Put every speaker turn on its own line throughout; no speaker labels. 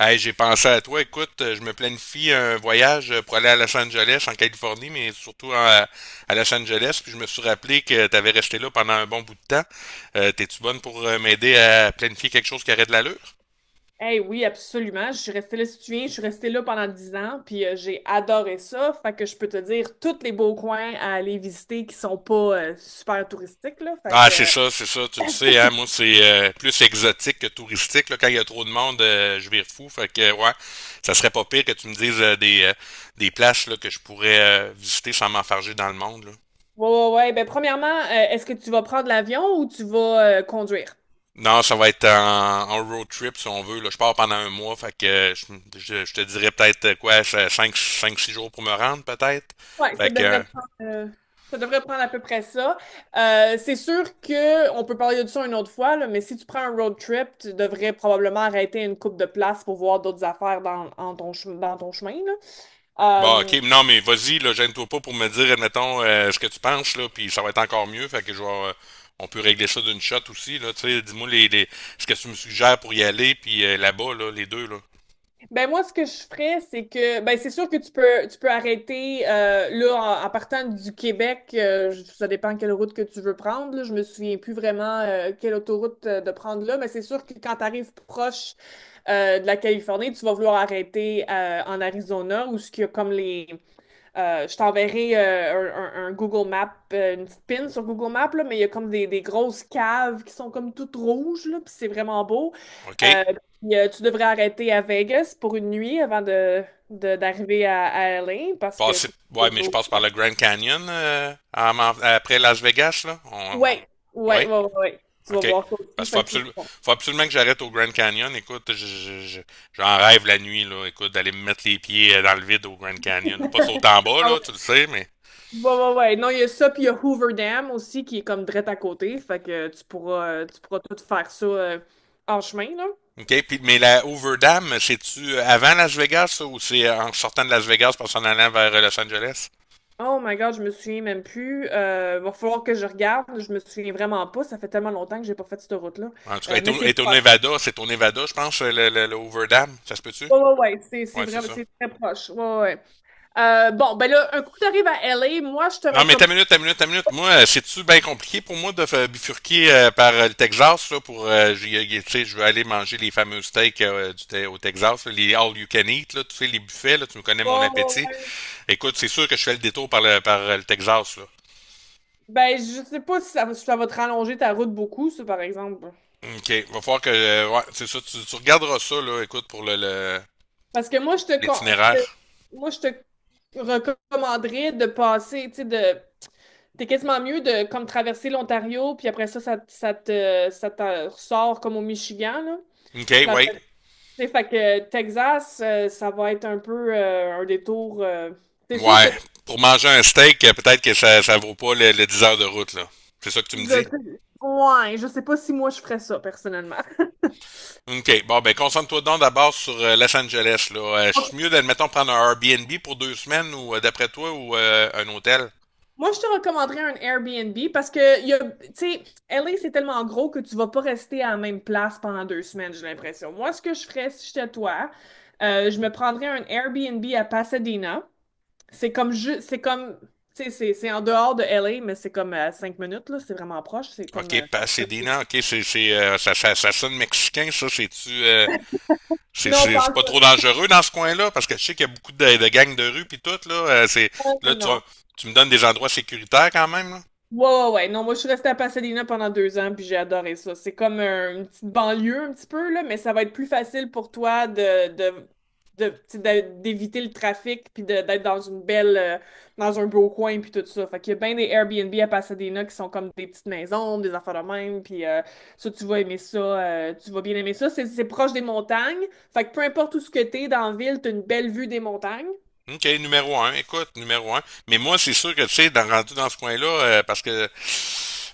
Hey, j'ai pensé à toi. Écoute, je me planifie un voyage pour aller à Los Angeles, en Californie, mais surtout à Los Angeles. Puis je me suis rappelé que tu avais resté là pendant un bon bout de temps. T'es-tu bonne pour m'aider à planifier quelque chose qui aurait de l'allure?
Hey, oui, absolument. Je suis restée là, si tu te souviens, je suis restée là pendant 10 ans, puis j'ai adoré ça. Fait que je peux te dire tous les beaux coins à aller visiter qui sont pas super touristiques, là. Fait
Ah,
que, euh,
c'est ça, tu le sais, hein, moi c'est plus exotique que touristique, là, quand il y a trop de monde, je vire fou, fait que ouais, ça serait pas pire que tu me dises des places là, que je pourrais visiter sans m'enfarger dans le monde, là.
ouais, ouais, ouais. Ben, premièrement, est-ce que tu vas prendre l'avion ou tu vas conduire?
Non, ça va être en road trip si on veut. Là. Je pars pendant un mois, fait que je te dirais peut-être quoi, cinq 6 jours pour me rendre peut-être.
Ouais,
Fait
ça
que,
devrait prendre, euh, ça devrait prendre à peu près ça. C'est sûr que on peut parler de ça une autre fois, là, mais si tu prends un road trip, tu devrais probablement arrêter une coupe de place pour voir d'autres affaires dans, dans ton chemin,
bon, ok,
là.
non, mais vas-y, là, gêne-toi pas pour me dire, admettons, ce que tu penses, là, puis ça va être encore mieux. Fait que je vais, on peut régler ça d'une shot aussi, là, tu sais, dis-moi les, ce que tu me suggères pour y aller, puis là-bas, là, les deux, là.
Ben moi, ce que je ferais, c'est que ben c'est sûr que tu peux arrêter là en partant du Québec, ça dépend quelle route que tu veux prendre. Là, je me souviens plus vraiment quelle autoroute de prendre là, mais c'est sûr que quand tu arrives proche de la Californie, tu vas vouloir arrêter en Arizona où ce qu'il y a comme les je t'enverrai un Google Map, une petite pin sur Google Map, là, mais il y a comme des grosses caves qui sont comme toutes rouges, là, puis c'est vraiment beau.
Ok?
Euh, puis, tu devrais arrêter à Vegas pour une nuit avant d'arriver à LA, parce que
Passer,
c'est
ouais, mais je
toujours.
passe par le Grand Canyon après Las Vegas, là.
Ouais, ouais,
Ouais.
ouais, ouais, ouais. Tu vas
OK.
voir ça aussi,
Parce qu'
fait que tu vas pouvoir-
faut absolument que j'arrête au Grand Canyon. Écoute, j'en rêve la nuit, là. Écoute, d'aller me mettre les pieds dans le vide au Grand Canyon, là. Pas sauter en bas,
Ah
là, tu
ouais,
le sais, mais.
ouais, ouais, ouais. Non, il y a ça, puis il y a Hoover Dam aussi qui est comme direct à côté, fait que tu pourras tout faire ça en chemin, là.
OK. Puis, mais la Overdam, c'est-tu avant Las Vegas, ça, ou c'est en sortant de Las Vegas pour s'en allant vers Los Angeles?
Oh my God, je me souviens même plus. Va falloir que je regarde. Je me souviens vraiment pas. Ça fait tellement longtemps que j'ai pas fait cette route-là.
En tout cas,
Euh,
elle est
mais
au, elle
c'est
est au
proche.
Nevada, c'est au Nevada, je pense, le Overdam. Ça se peut-tu?
Ouais, ouais, ouais. C'est
Ouais, c'est
vraiment,
ça.
c'est très proche. Ouais, ouais, ouais. Bon, ben là, un coup que t'arrives à LA, moi, je te
Non, mais
recommande
ta minute, ta minute, ta minute. Moi, c'est-tu bien compliqué pour moi de bifurquer par le Texas, là, pour, tu sais, je veux aller manger les fameux steaks au Texas, là, les all you can eat, là, tu sais, les buffets, là, tu me connais mon
pas. Ouais,
appétit.
ouais, ouais.
Écoute, c'est sûr que je fais le détour par le Texas, là.
Ben, je sais pas si si ça va te rallonger ta route beaucoup, ça, par exemple.
OK, va falloir que, ouais, c'est ça, tu regarderas ça, là, écoute, pour
Parce que moi, je te, con-
l'itinéraire.
moi, je te recommanderais de passer, tu sais, de... T'es quasiment mieux de comme traverser l'Ontario, puis après ça te ressort comme au Michigan, là.
OK,
Puis
ouais.
après, tu sais, fait que Texas, ça va être un peu un détour. C'est sûr que.
Ouais. Pour manger un steak, peut-être que ça vaut pas le 10 heures de route, là. C'est ça que tu me dis?
Ouais, je sais pas si moi je ferais ça personnellement.
OK. Bon, ben concentre-toi donc d'abord sur Los Angeles, là.
Ok.
C'est mieux, d'admettons, prendre un Airbnb pour 2 semaines ou d'après toi ou un hôtel?
Moi, je te recommanderais un Airbnb parce que, il y a, tu sais, LA, c'est tellement gros que tu vas pas rester à la même place pendant 2 semaines, j'ai l'impression. Moi, ce que je ferais si j'étais toi, je me prendrais un Airbnb à Pasadena. C'est comme, tu sais, c'est en dehors de LA, mais c'est comme à 5 minutes, là. C'est vraiment proche. C'est comme.
OK, Pasadena, OK, ça sonne mexicain, ça, c'est-tu
Non, pas
c'est
en-
pas trop
tout.
dangereux dans ce coin-là? Parce que je sais qu'il y a beaucoup de gangs de rue puis tout, là. Là,
Non,
tu,
non.
tu me donnes des endroits sécuritaires quand même, là?
Ouais, ouais, ouais. Non, moi, je suis restée à Pasadena pendant 2 ans, puis j'ai adoré ça. C'est comme un- une petite banlieue, un petit peu, là, mais ça va être plus facile pour toi tu sais, d'éviter le trafic, puis d'être dans dans un beau coin, puis tout ça. Fait qu'il y a bien des Airbnb à Pasadena qui sont comme des petites maisons, des affaires de même, puis ça, tu vas aimer ça, tu vas bien aimer ça. C'est proche des montagnes. Fait que peu importe où ce que t'es dans la ville, t'as une belle vue des montagnes.
OK, numéro un. Écoute, numéro un. Mais moi, c'est sûr que, tu sais, rendu dans ce coin-là, parce que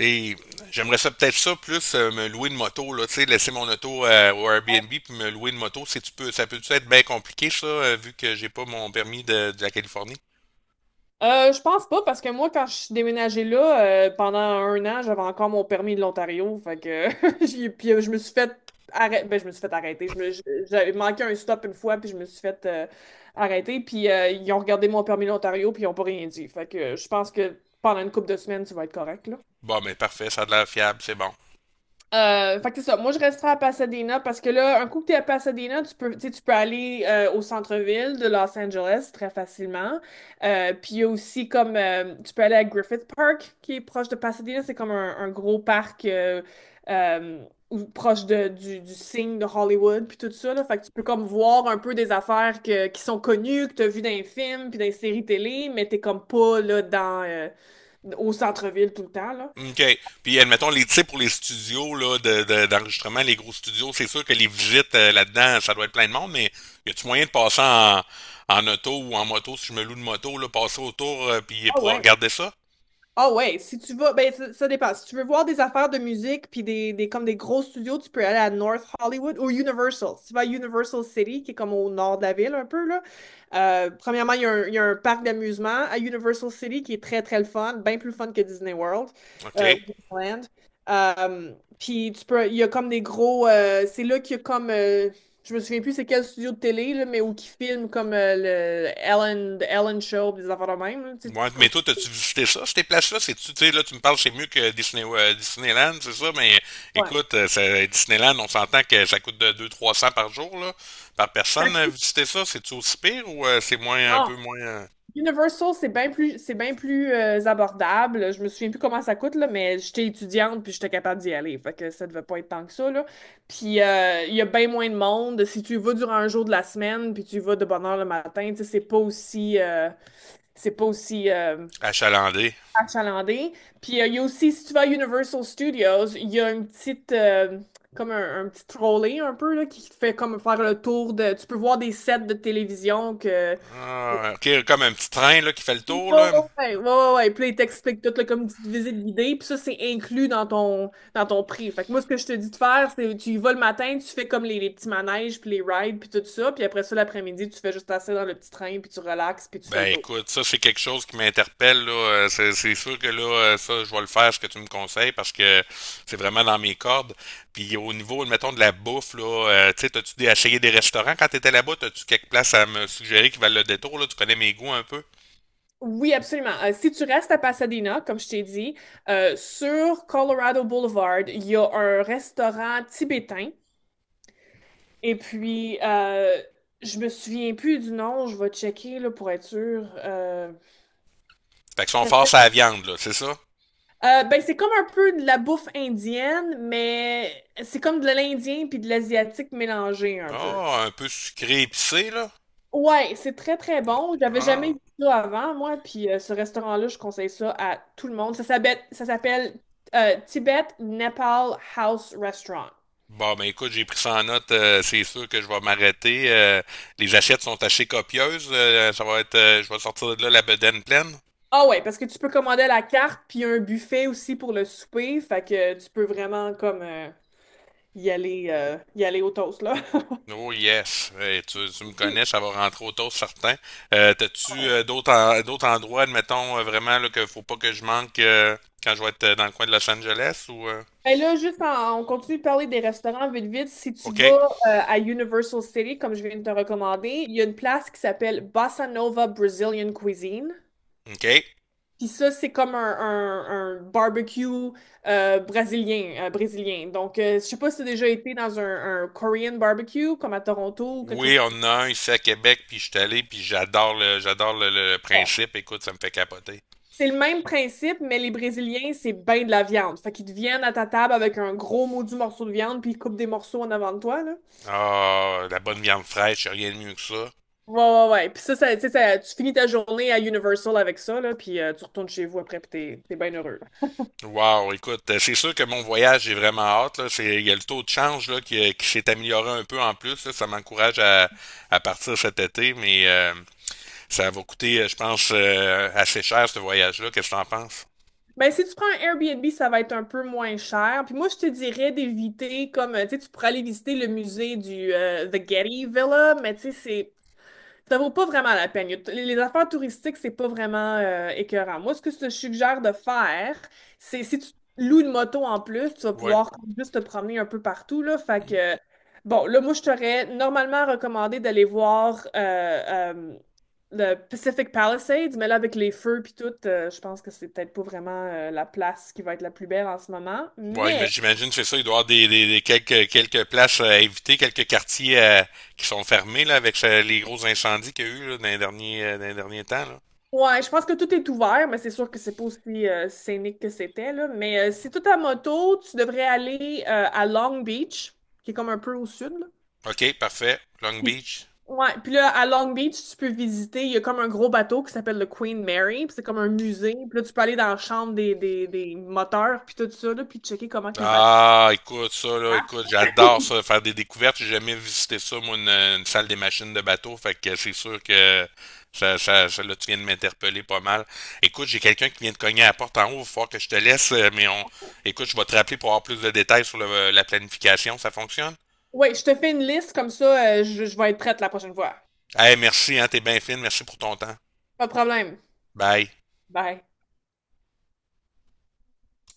et j'aimerais ça peut-être ça plus me louer une moto, là, tu sais, laisser mon auto au Airbnb puis me louer une moto, si tu peux, ça peut-tu être bien compliqué, ça, vu que j'ai pas mon permis de la Californie?
Je pense pas, parce que moi, quand je suis déménagée là, pendant un an, j'avais encore mon permis de l'Ontario. Fait que puis, je me suis fait arrêter. Ben, je me suis fait arrêter. J'avais manqué un stop une fois, puis je me suis fait arrêter. Puis ils ont regardé mon permis de l'Ontario, puis ils ont pas rien dit. Fait que je pense que pendant une couple de semaines, tu vas être correct,
Bon, mais parfait, ça a de l'air fiable, c'est bon.
fait que c'est ça. Moi, je resterai à Pasadena parce que là, un coup que t'es à Pasadena, tu peux, tu sais, tu peux aller au centre-ville de Los Angeles très facilement. Puis il y a aussi comme tu peux aller à Griffith Park qui est proche de Pasadena. C'est comme un gros parc euh, proche de, du signe de Hollywood puis tout ça là. Fait que tu peux comme voir un peu des affaires que, qui sont connues, que t'as vu dans les films puis dans les séries télé, mais t'es comme pas là dans au centre-ville tout le temps là.
OK. Puis admettons les tips pour les studios là, d'enregistrement, les gros studios, c'est sûr que les visites là-dedans, ça doit être plein de monde, mais y a-tu moyen de passer en auto ou en moto, si je me loue de moto, là, passer autour puis
ah
pour
ouais
regarder ça?
Ah ouais, si tu vas, ben ça dépend. Si tu veux voir des affaires de musique puis des comme des gros studios, tu peux aller à North Hollywood ou Universal. Si tu vas à Universal City, qui est comme au nord de la ville un peu là. Premièrement, il y a un parc d'amusement à Universal City qui est très très le fun, bien plus fun que Disney World,
OK. Ouais,
ou Disneyland. Euh, Puis tu peux, il y a comme des gros, c'est là qu'il y a comme, je me souviens plus c'est quel studio de télé là, mais où qui filme comme le Ellen Show, des affaires de même. Là, tu sais,
mais toi, t'as-tu visité ça, ces places-là? C'est-tu, tu sais, là, tu me parles, c'est mieux que Disneyland, c'est ça, mais
Ouais.
écoute, Disneyland, on s'entend que ça coûte de 200 300 par jour, là, par personne,
Ça-
visiter ça. C'est-tu aussi pire ou un
Non.
peu moins
Universal, c'est bien plus, c'est bien plus abordable. Je me souviens plus comment ça coûte, là, mais j'étais étudiante puis j'étais capable d'y aller. Fait que ça devait pas être tant que ça, là. Puis il y a bien moins de monde. Si tu y vas durant un jour de la semaine puis tu y vas de bonne heure le matin, tu sais, c'est pas aussi
achalandé?
achalandé. Puis il y a aussi, si tu vas à Universal Studios, il y a comme un petit trolley un peu, là, qui te fait comme faire le tour de. Tu peux voir des sets de télévision que
Ah, OK, comme un petit train là, qui fait le
Ouais,
tour,
ouais,
là.
ouais, ouais, ouais, ouais. Puis là, ils t'expliquent tout, là, comme une petite visite guidée. Puis ça, c'est inclus dans ton prix. Fait que moi, ce que je te dis de faire, c'est tu y vas le matin, tu fais comme les petits manèges, puis les rides, puis tout ça. Puis après ça, l'après-midi, tu fais juste assez dans le petit train, puis tu relaxes, puis tu fais le
Ben
tour.
écoute, ça c'est quelque chose qui m'interpelle là. C'est sûr que là, ça, je vais le faire ce que tu me conseilles parce que c'est vraiment dans mes cordes. Puis au niveau, mettons, de la bouffe, là, tu sais, t'as-tu essayé des restaurants quand t'étais là-bas? T'as-tu quelques places à me suggérer qui valent le détour, là? Tu connais mes goûts un peu?
Oui, absolument. Si tu restes à Pasadena, comme je t'ai dit, sur Colorado Boulevard, il y a un restaurant tibétain. Et puis, je me souviens plus du nom, je vais checker là, pour être sûre.
Fait que sont forts à la viande, là, c'est ça?
Ben, c'est comme un peu de la bouffe indienne, mais c'est comme de l'indien puis de l'asiatique mélangé un peu.
Ah, un peu sucré épicé, là?
Ouais, c'est très très bon. J'avais jamais
Ah.
vu ça avant, moi, puis ce restaurant-là, je conseille ça à tout le monde. Ça s'appelle Tibet Nepal House Restaurant.
Bon, ben écoute, j'ai pris ça en note. C'est sûr que je vais m'arrêter. Les assiettes sont assez copieuses. Ça va être, je vais sortir de là la bedaine pleine.
Ah ouais, parce que tu peux commander à la carte, puis il y a un buffet aussi pour le souper, fait que tu peux vraiment comme y aller au toast, là.
Oh yes, Hey, tu me connais, ça va rentrer au toast certain. T'as-tu
Ouais.
d'autres endroits, admettons vraiment là, que faut pas que je manque quand je vais être dans le coin de Los Angeles ou
Ben là, juste on continue de parler des restaurants vite vite. Si tu vas
OK,
à Universal City, comme je viens de te recommander, il y a une place qui s'appelle Bossa Nova Brazilian Cuisine.
OK.
Puis ça, c'est comme un barbecue brésilien. Donc, je sais pas si tu as déjà été dans un Korean barbecue, comme à Toronto ou quelque chose
Oui, on
comme
en a un ici à Québec, puis je suis allé, puis j'adore le
ça.
principe. Écoute, ça me fait capoter.
C'est le même principe, mais les Brésiliens, c'est ben de la viande. Fait qu'ils te viennent à ta table avec un gros maudit morceau de viande, puis ils coupent des morceaux en avant de toi, là.
Ah, la bonne viande fraîche, y a rien de mieux que ça.
Ouais, ouais, ouais. Puis ça, tu sais, tu finis ta journée à Universal avec ça, là, puis tu retournes chez vous après, puis t'es, t'es bien heureux.
Wow, écoute, c'est sûr que mon voyage, j'ai vraiment hâte, là. Il y a le taux de change là, qui s'est amélioré un peu en plus, là. Ça m'encourage à partir cet été, mais ça va coûter, je pense, assez cher ce voyage-là. Qu'est-ce que t'en penses?
Mais si tu prends un Airbnb, ça va être un peu moins cher. Puis moi, je te dirais d'éviter, comme, tu sais, tu pourrais aller visiter le musée du The Getty Villa, mais tu sais, c'est ça vaut pas vraiment la peine. Il y a les affaires touristiques, c'est pas vraiment écœurant. Moi, ce que je te suggère de faire, c'est si tu loues une moto en plus, tu vas
Ouais.
pouvoir juste te promener un peu partout, là. Fait
Mm.
que, bon, là, moi, je t'aurais normalement recommandé d'aller voir le Pacific Palisades, mais là, avec les feux puis tout, je pense que c'est peut-être pas vraiment la place qui va être la plus belle en ce moment.
Ouais, mais
Mais
j'imagine c'est ça, il doit y avoir des quelques places à éviter, quelques quartiers qui sont fermés là, avec les gros incendies qu'il y a eu là, dans les derniers temps là.
ouais, je pense que tout est ouvert, mais c'est sûr que c'est pas aussi scénique que c'était, là. Mais si tout à moto, tu devrais aller à Long Beach, qui est comme un peu au sud, là.
OK, parfait. Long
Puis,
Beach.
ouais, puis là, à Long Beach, tu peux visiter, il y a comme un gros bateau qui s'appelle le Queen Mary, puis c'est comme un musée. Puis là, tu peux aller dans la chambre des moteurs, puis tout ça, là, puis checker comment que le bateau...
Ah, écoute, ça, là, écoute, j'adore ça, faire des découvertes. J'ai jamais visité ça, moi, une salle des machines de bateau. Fait que c'est sûr que là, tu viens de m'interpeller pas mal. Écoute, j'ai quelqu'un qui vient de cogner à la porte en haut. Il va falloir que je te laisse, mais écoute, je vais te rappeler pour avoir plus de détails sur la planification. Ça fonctionne?
Ouais, je te fais une liste, comme ça, je vais être prête la prochaine fois.
Eh, merci, hein, t'es bien fine. Merci pour ton temps.
Pas de problème.
Bye.
Bye.